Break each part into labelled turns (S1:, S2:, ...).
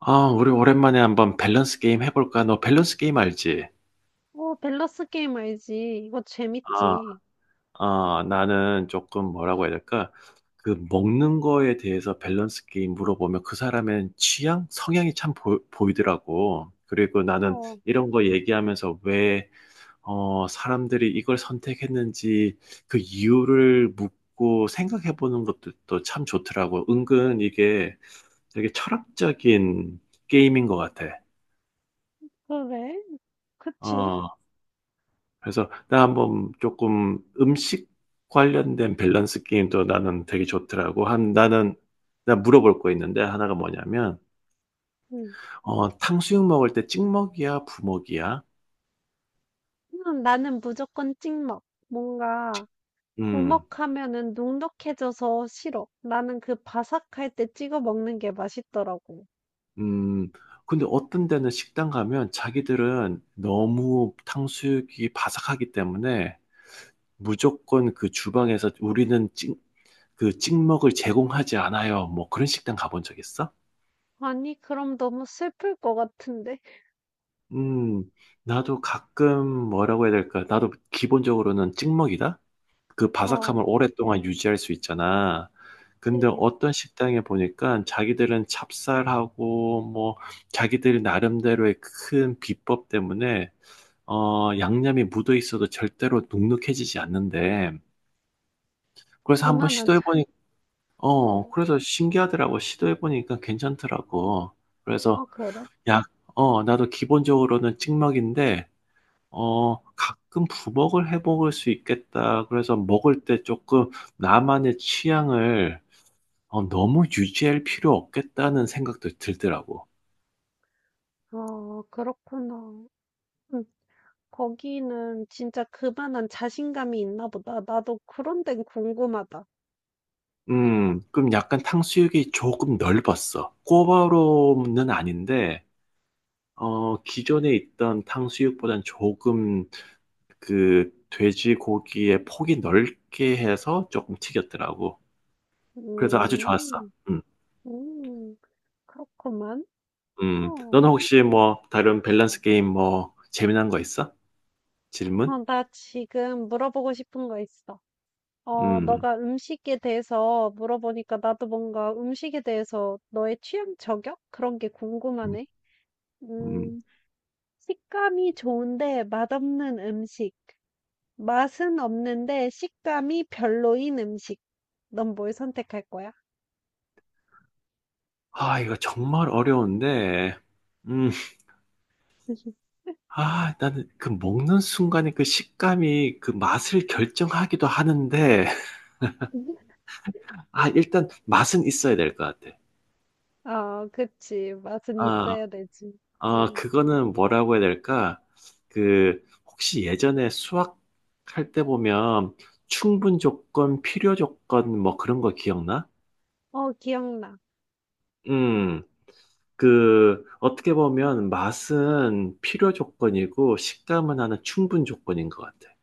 S1: 우리 오랜만에 한번 밸런스 게임 해 볼까? 너 밸런스 게임 알지?
S2: 어, 밸런스 게임 알지. 이거
S1: 아.
S2: 재밌지.
S1: 나는 조금 뭐라고 해야 될까? 그 먹는 거에 대해서 밸런스 게임 물어보면 그 사람의 취향? 성향이 참 보이더라고. 그리고 나는
S2: 어,
S1: 이런 거 얘기하면서 왜 사람들이 이걸 선택했는지 그 이유를 묻고 생각해 보는 것도 또 참 좋더라고. 은근 이게 되게 철학적인 게임인 것 같아.
S2: 그래. 그치.
S1: 어. 그래서 나 한번 조금 음식 관련된 밸런스 게임도 나는 되게 좋더라고. 한 나는 나 물어볼 거 있는데 하나가 뭐냐면
S2: 응.
S1: 탕수육 먹을 때 찍먹이야, 부먹이야?
S2: 나는 무조건 찍먹. 뭔가,
S1: 음.
S2: 구먹하면은 눅눅해져서 싫어. 나는 그 바삭할 때 찍어 먹는 게 맛있더라고.
S1: 음. 근데 어떤 데는 식당 가면 자기들은 너무 탕수육이 바삭하기 때문에 무조건 그 주방에서 그 찍먹을 제공하지 않아요. 뭐 그런 식당 가본 적 있어?
S2: 아니, 그럼 너무 슬플 것 같은데.
S1: 음, 나도 가끔 뭐라고 해야 될까? 나도 기본적으로는 찍먹이다? 그
S2: 어,
S1: 바삭함을 오랫동안 유지할 수 있잖아. 근데
S2: 그치.
S1: 어떤 식당에 보니까 자기들은 찹쌀하고 뭐 자기들 나름대로의 큰 비법 때문에 양념이 묻어 있어도 절대로 눅눅해지지 않는데 그래서 한번 시도해
S2: 그만하자.
S1: 보니 어,
S2: 어,
S1: 그래서 신기하더라고. 시도해 보니까 괜찮더라고.
S2: 어,
S1: 그래서
S2: 그래.
S1: 약 나도 기본적으로는 찍먹인데 가끔 부먹을 해 먹을 수 있겠다. 그래서 먹을 때 조금 나만의 취향을 너무 유지할 필요 없겠다는 생각도 들더라고.
S2: 어, 그렇구나. 응, 거기는 진짜 그만한 자신감이 있나 보다. 나도 그런 데는 궁금하다.
S1: 그럼 약간 탕수육이 조금 넓었어. 꼬바로는 아닌데, 기존에 있던 탕수육보단 조금 그 돼지고기의 폭이 넓게 해서 조금 튀겼더라고. 그래서 아주 좋았어.
S2: 음.
S1: 음,
S2: 음. 그렇구만. 어.
S1: 너는 혹시 뭐 다른 밸런스 게임 뭐 재미난 거 있어? 질문?
S2: 어, 나 지금 물어보고 싶은 거 있어. 어,
S1: 음,
S2: 너가 음식에 대해서 물어보니까 나도 뭔가 음식에 대해서 너의 취향 저격? 그런 게
S1: 음,
S2: 궁금하네.
S1: 음.
S2: 음, 식감이 좋은데 맛없는 음식. 맛은 없는데 식감이 별로인 음식. 넌 뭘 선택할 거야?
S1: 아, 이거 정말 어려운데, 음, 아, 나는 그 먹는 순간에 그 식감이 그 맛을 결정하기도 하는데, 아, 일단 맛은 있어야 될 것 같아.
S2: 아, 그치. 맛은
S1: 아,
S2: 있어야 되지.
S1: 아,
S2: 응.
S1: 그거는 뭐라고 해야 될까? 그, 혹시 예전에 수학할 때 보면 충분 조건, 필요 조건, 뭐 그런 거 기억나?
S2: 어, 기억나.
S1: 음. 그, 어떻게 보면 맛은 필요 조건이고 식감은 하나 충분 조건인 것 같아.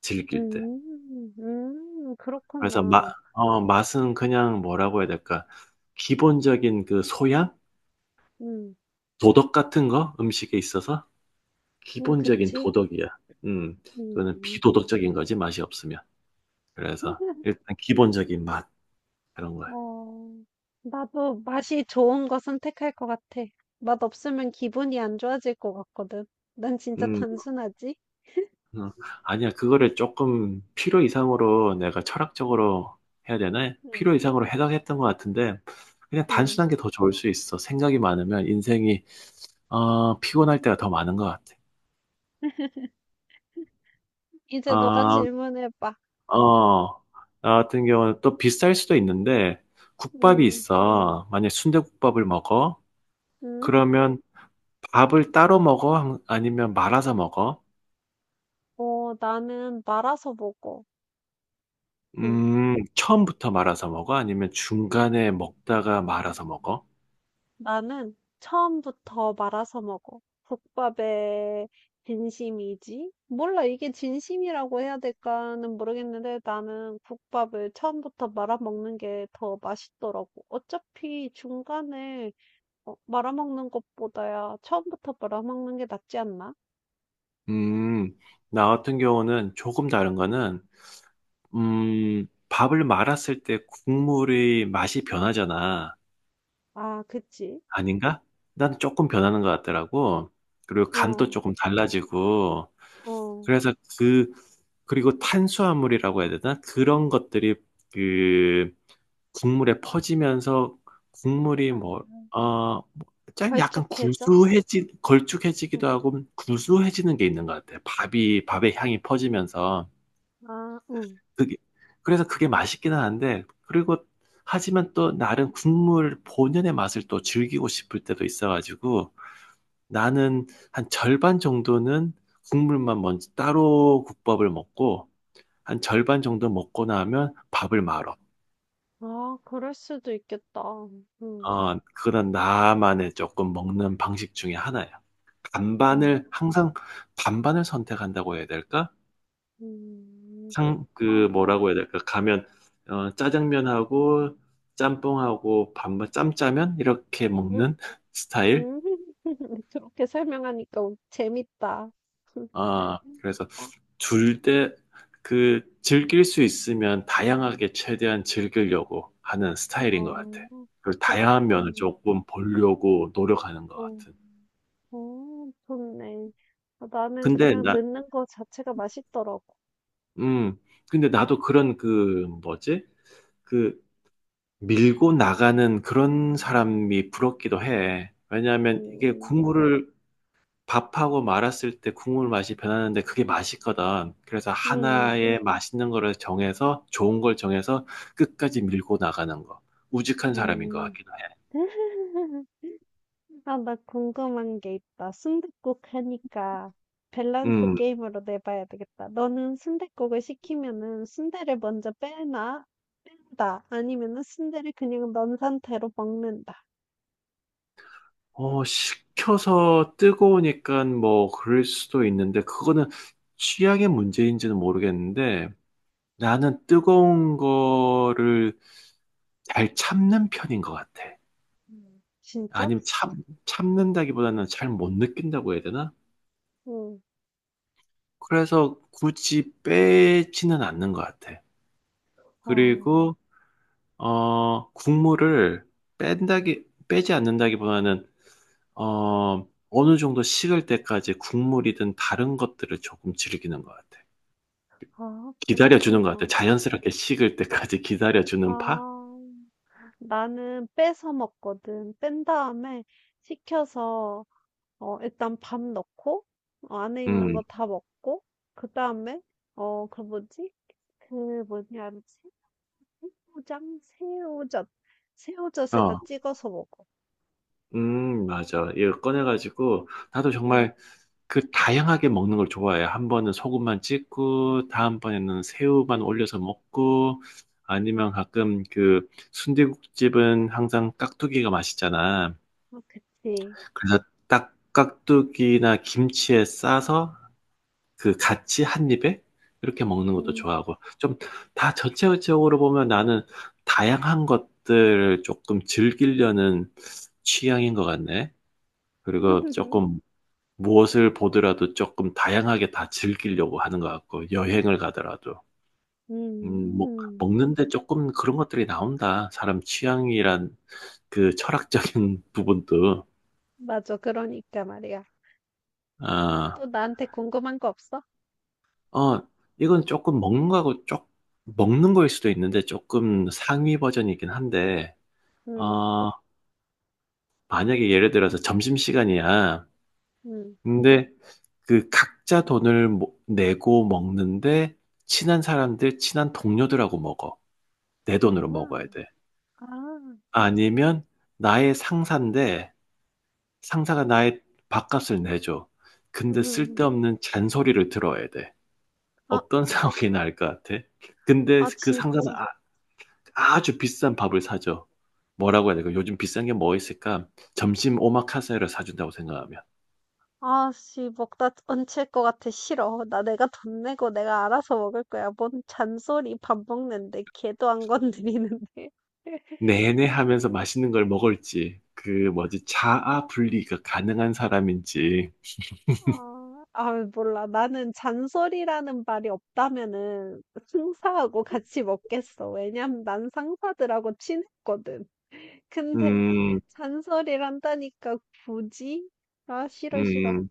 S1: 즐길 때.
S2: 음. 음.
S1: 그래서 맛,
S2: 그렇구나.
S1: 맛은 그냥 뭐라고 해야 될까. 기본적인 그 소양?
S2: 음.
S1: 도덕 같은 거? 음식에 있어서? 기본적인
S2: 그치.
S1: 도덕이야. 음, 그거는
S2: 음.
S1: 비도덕적인 거지, 맛이 없으면. 그래서 일단 기본적인 맛, 그런 거야.
S2: 어. 나도 맛이 좋은 거 선택할 것 같아. 맛 없으면 기분이 안 좋아질 것 같거든. 난 진짜
S1: 음.
S2: 단순하지?
S1: 어, 아니야, 그거를 조금 필요 이상으로 내가 철학적으로 해야 되나?
S2: 응,
S1: 필요 이상으로 해석했던 것 같은데, 그냥
S2: 응.
S1: 단순한 게 더 좋을 수 있어. 생각이 많으면 인생이, 피곤할 때가 더 많은 것 같아.
S2: 이제 너가
S1: 아,
S2: 질문해봐.
S1: 어, 나 같은 경우는 또 비쌀 수도 있는데, 국밥이
S2: 응,
S1: 있어. 만약 순대국밥을 먹어?
S2: 응.
S1: 그러면 밥을 따로 먹어? 아니면 말아서 먹어?
S2: 어, 나는 말아서 먹어. 응.
S1: 처음부터 말아서 먹어? 아니면 중간에 먹다가 말아서 먹어?
S2: 나는 처음부터 말아서 먹어. 국밥에 진심이지? 몰라, 이게 진심이라고 해야 될까는 모르겠는데 나는 국밥을 처음부터 말아먹는 게 더 맛있더라고. 어차피 중간에 말아먹는 것보다야 처음부터 말아먹는 게 낫지 않나?
S1: 음, 나 같은 경우는 조금 다른 거는, 밥을 말았을 때 국물의 맛이 변하잖아.
S2: 아, 그치?
S1: 아닌가? 난 조금 변하는 것 같더라고. 그리고 간도
S2: 어,
S1: 조금 달라지고.
S2: 어.
S1: 그래서 그, 그리고 탄수화물이라고 해야 되나? 그런 것들이 그 국물에 퍼지면서 국물이
S2: 아,
S1: 뭐, 어, 짠 약간
S2: 걸쭉해져? 응,
S1: 걸쭉해지기도 하고 구수해지는 게 있는 것 같아.
S2: 응.
S1: 밥의 향이 퍼지면서.
S2: 아, 응.
S1: 그게, 그래서 그게 맛있기는 한데, 그리고, 하지만 또 나름 국물 본연의 맛을 또 즐기고 싶을 때도 있어가지고, 나는 한 절반 정도는 국물만 먼저 따로 국밥을 먹고, 한 절반 정도 먹고 나면 밥을 말어.
S2: 아, 그럴 수도 있겠다. 응,
S1: 그런 나만의 조금 먹는 방식 중에 하나야.
S2: 응.
S1: 항상 반반을 선택한다고 해야 될까?
S2: 음.
S1: 상, 그 뭐라고
S2: 어.
S1: 해야 될까? 가면 어, 짜장면하고 짬뽕하고 반반 짬짜면 이렇게
S2: 음
S1: 먹는 스타일.
S2: 음. 그렇게 설명하니까 어 재밌다.
S1: 아, 그래서
S2: 어
S1: 둘 때 그 즐길 수 있으면 다양하게 최대한 즐기려고 하는 스타일인 것 같아.
S2: 어.
S1: 그 다양한 면을
S2: 그렇군.
S1: 조금 보려고 노력하는 것
S2: 어.
S1: 같은.
S2: 어 좋네. 아 나는
S1: 근데
S2: 그냥
S1: 나,
S2: 넣는 거 자체가 맛있더라고.
S1: 음, 근데 나도 그런 그 뭐지? 그 밀고 나가는 그런 사람이 부럽기도 해. 왜냐하면 이게
S2: 음.
S1: 국물을 밥하고 말았을 때 국물 맛이 변하는데 그게 맛있거든. 그래서
S2: 음.
S1: 하나의 맛있는 거를 정해서 좋은 걸 정해서 끝까지 밀고 나가는 거. 우직한 사람인 것
S2: 음.
S1: 같긴 해.
S2: 아 나 궁금한 게 있다. 순댓국 하니까 밸런스
S1: 음.
S2: 게임으로 내봐야 되겠다. 너는 순댓국을 시키면은 순대를 먼저 빼나? 다 아니면은 순대를 그냥 넣은 상태로 먹는다.
S1: 어, 식혀서 뜨거우니까 뭐 그럴 수도 있는데 그거는 취향의 문제인지는 모르겠는데 나는 뜨거운 거를 잘 참는 편인 것 같아.
S2: 음. 진짜?
S1: 아니면 참는다기보다는 잘 못 느낀다고 해야 되나?
S2: 응.
S1: 그래서 굳이 빼지는 않는 것 같아.
S2: 아,
S1: 그리고, 어, 국물을 빼지 않는다기보다는, 어, 어느 정도 식을 때까지 국물이든 다른 것들을 조금 즐기는 것 같아.
S2: 아, 그렇구나.
S1: 기다려주는 것 같아. 자연스럽게 식을 때까지 기다려주는 파?
S2: 아, 나는 빼서 먹거든. 뺀 다음에 식혀서, 일단 밥 넣고, 안에 있는
S1: 음,
S2: 거 다 먹고, 그 다음에, 어, 그 뭐지? 그 뭐냐, 새우장? 새우젓. 새우젓에다
S1: 어,
S2: 찍어서 먹어.
S1: 맞아. 이거 꺼내가지고, 나도
S2: 응,
S1: 정말 그 다양하게 먹는 걸 좋아해요. 한 번은 소금만 찍고, 다음번에는 새우만 올려서 먹고, 아니면 가끔 그 순대국집은 항상 깍두기가 맛있잖아.
S2: 어, 그치.
S1: 그래서 딱 깍두기나 김치에 싸서 그 같이 한 입에 이렇게 먹는 것도
S2: 응.
S1: 좋아하고, 좀 다 전체적으로 보면 나는 다양한 것들을 조금 즐기려는 취향인 것 같네. 그리고 조금 무엇을 보더라도 조금 다양하게 다 즐기려고 하는 것 같고 여행을 가더라도. 뭐
S2: 음.
S1: 먹는데 조금 그런 것들이 나온다. 사람 취향이란 그 철학적인 부분도.
S2: 맞아. 그러니까 말이야.
S1: 아
S2: 또 나한테 궁금한 거 없어?
S1: 어 이건 조금 먹는 거하고 쪽 먹는 거일 수도 있는데 조금 상위 버전이긴 한데
S2: 응,
S1: 어 만약에 예를 들어서 점심시간이야.
S2: 응,
S1: 근데 그 각자 돈을 모 내고 먹는데 친한 동료들하고 먹어. 내 돈으로 먹어야
S2: 아,
S1: 돼.
S2: 아,
S1: 아니면 나의 상사인데 상사가 나의 밥값을 내줘. 근데
S2: 응.
S1: 쓸데없는 잔소리를 들어야 돼.
S2: 아,
S1: 어떤 상황이 나을 것 같아? 근데
S2: 아,
S1: 그 상사는
S2: 진짜.
S1: 아, 주 비싼 밥을 사줘. 뭐라고 해야 될까? 요즘 비싼 게 뭐 있을까? 점심 오마카세를 사준다고 생각하면.
S2: 아, 씨, 먹다 얹힐 것 같아. 싫어. 나 내가 돈 내고 내가 알아서 먹을 거야. 뭔 잔소리 밥 먹는데. 걔도 안 건드리는데.
S1: 내내 하면서 맛있는 걸 먹을지, 그 뭐지, 자아 분리가 가능한 사람인지,
S2: 아, 아, 몰라. 나는 잔소리라는 말이 없다면은 상사하고 같이 먹겠어. 왜냐면 난 상사들하고 친했거든. 근데
S1: 음,
S2: 잔소리를 한다니까 굳이? 아, 싫어, 싫어.
S1: 음,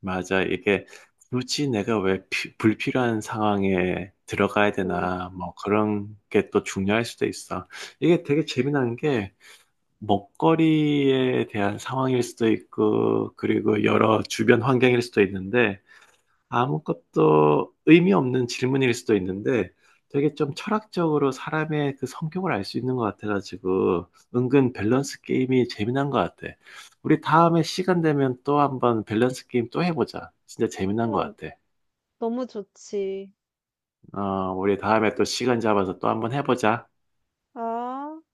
S1: 맞아. 이게 굳이 내가 왜 불필요한 상황에 들어가야
S2: 응.
S1: 되나, 뭐 그런 게 또 중요할 수도 있어. 이게 되게 재미난 게 먹거리에 대한 상황일 수도 있고, 그리고 여러 주변 환경일 수도 있는데, 아무것도 의미 없는 질문일 수도 있는데 되게 좀 철학적으로 사람의 그 성격을 알 수 있는 것 같아가지고 은근 밸런스 게임이 재미난 것 같아. 우리 다음에 시간 되면 또 한번 밸런스 게임 또 해보자. 진짜 재미난 것
S2: 어,
S1: 같아.
S2: 너무 좋지.
S1: 어, 우리 다음에 또 시간 잡아서 또 한번 해보자.
S2: 아.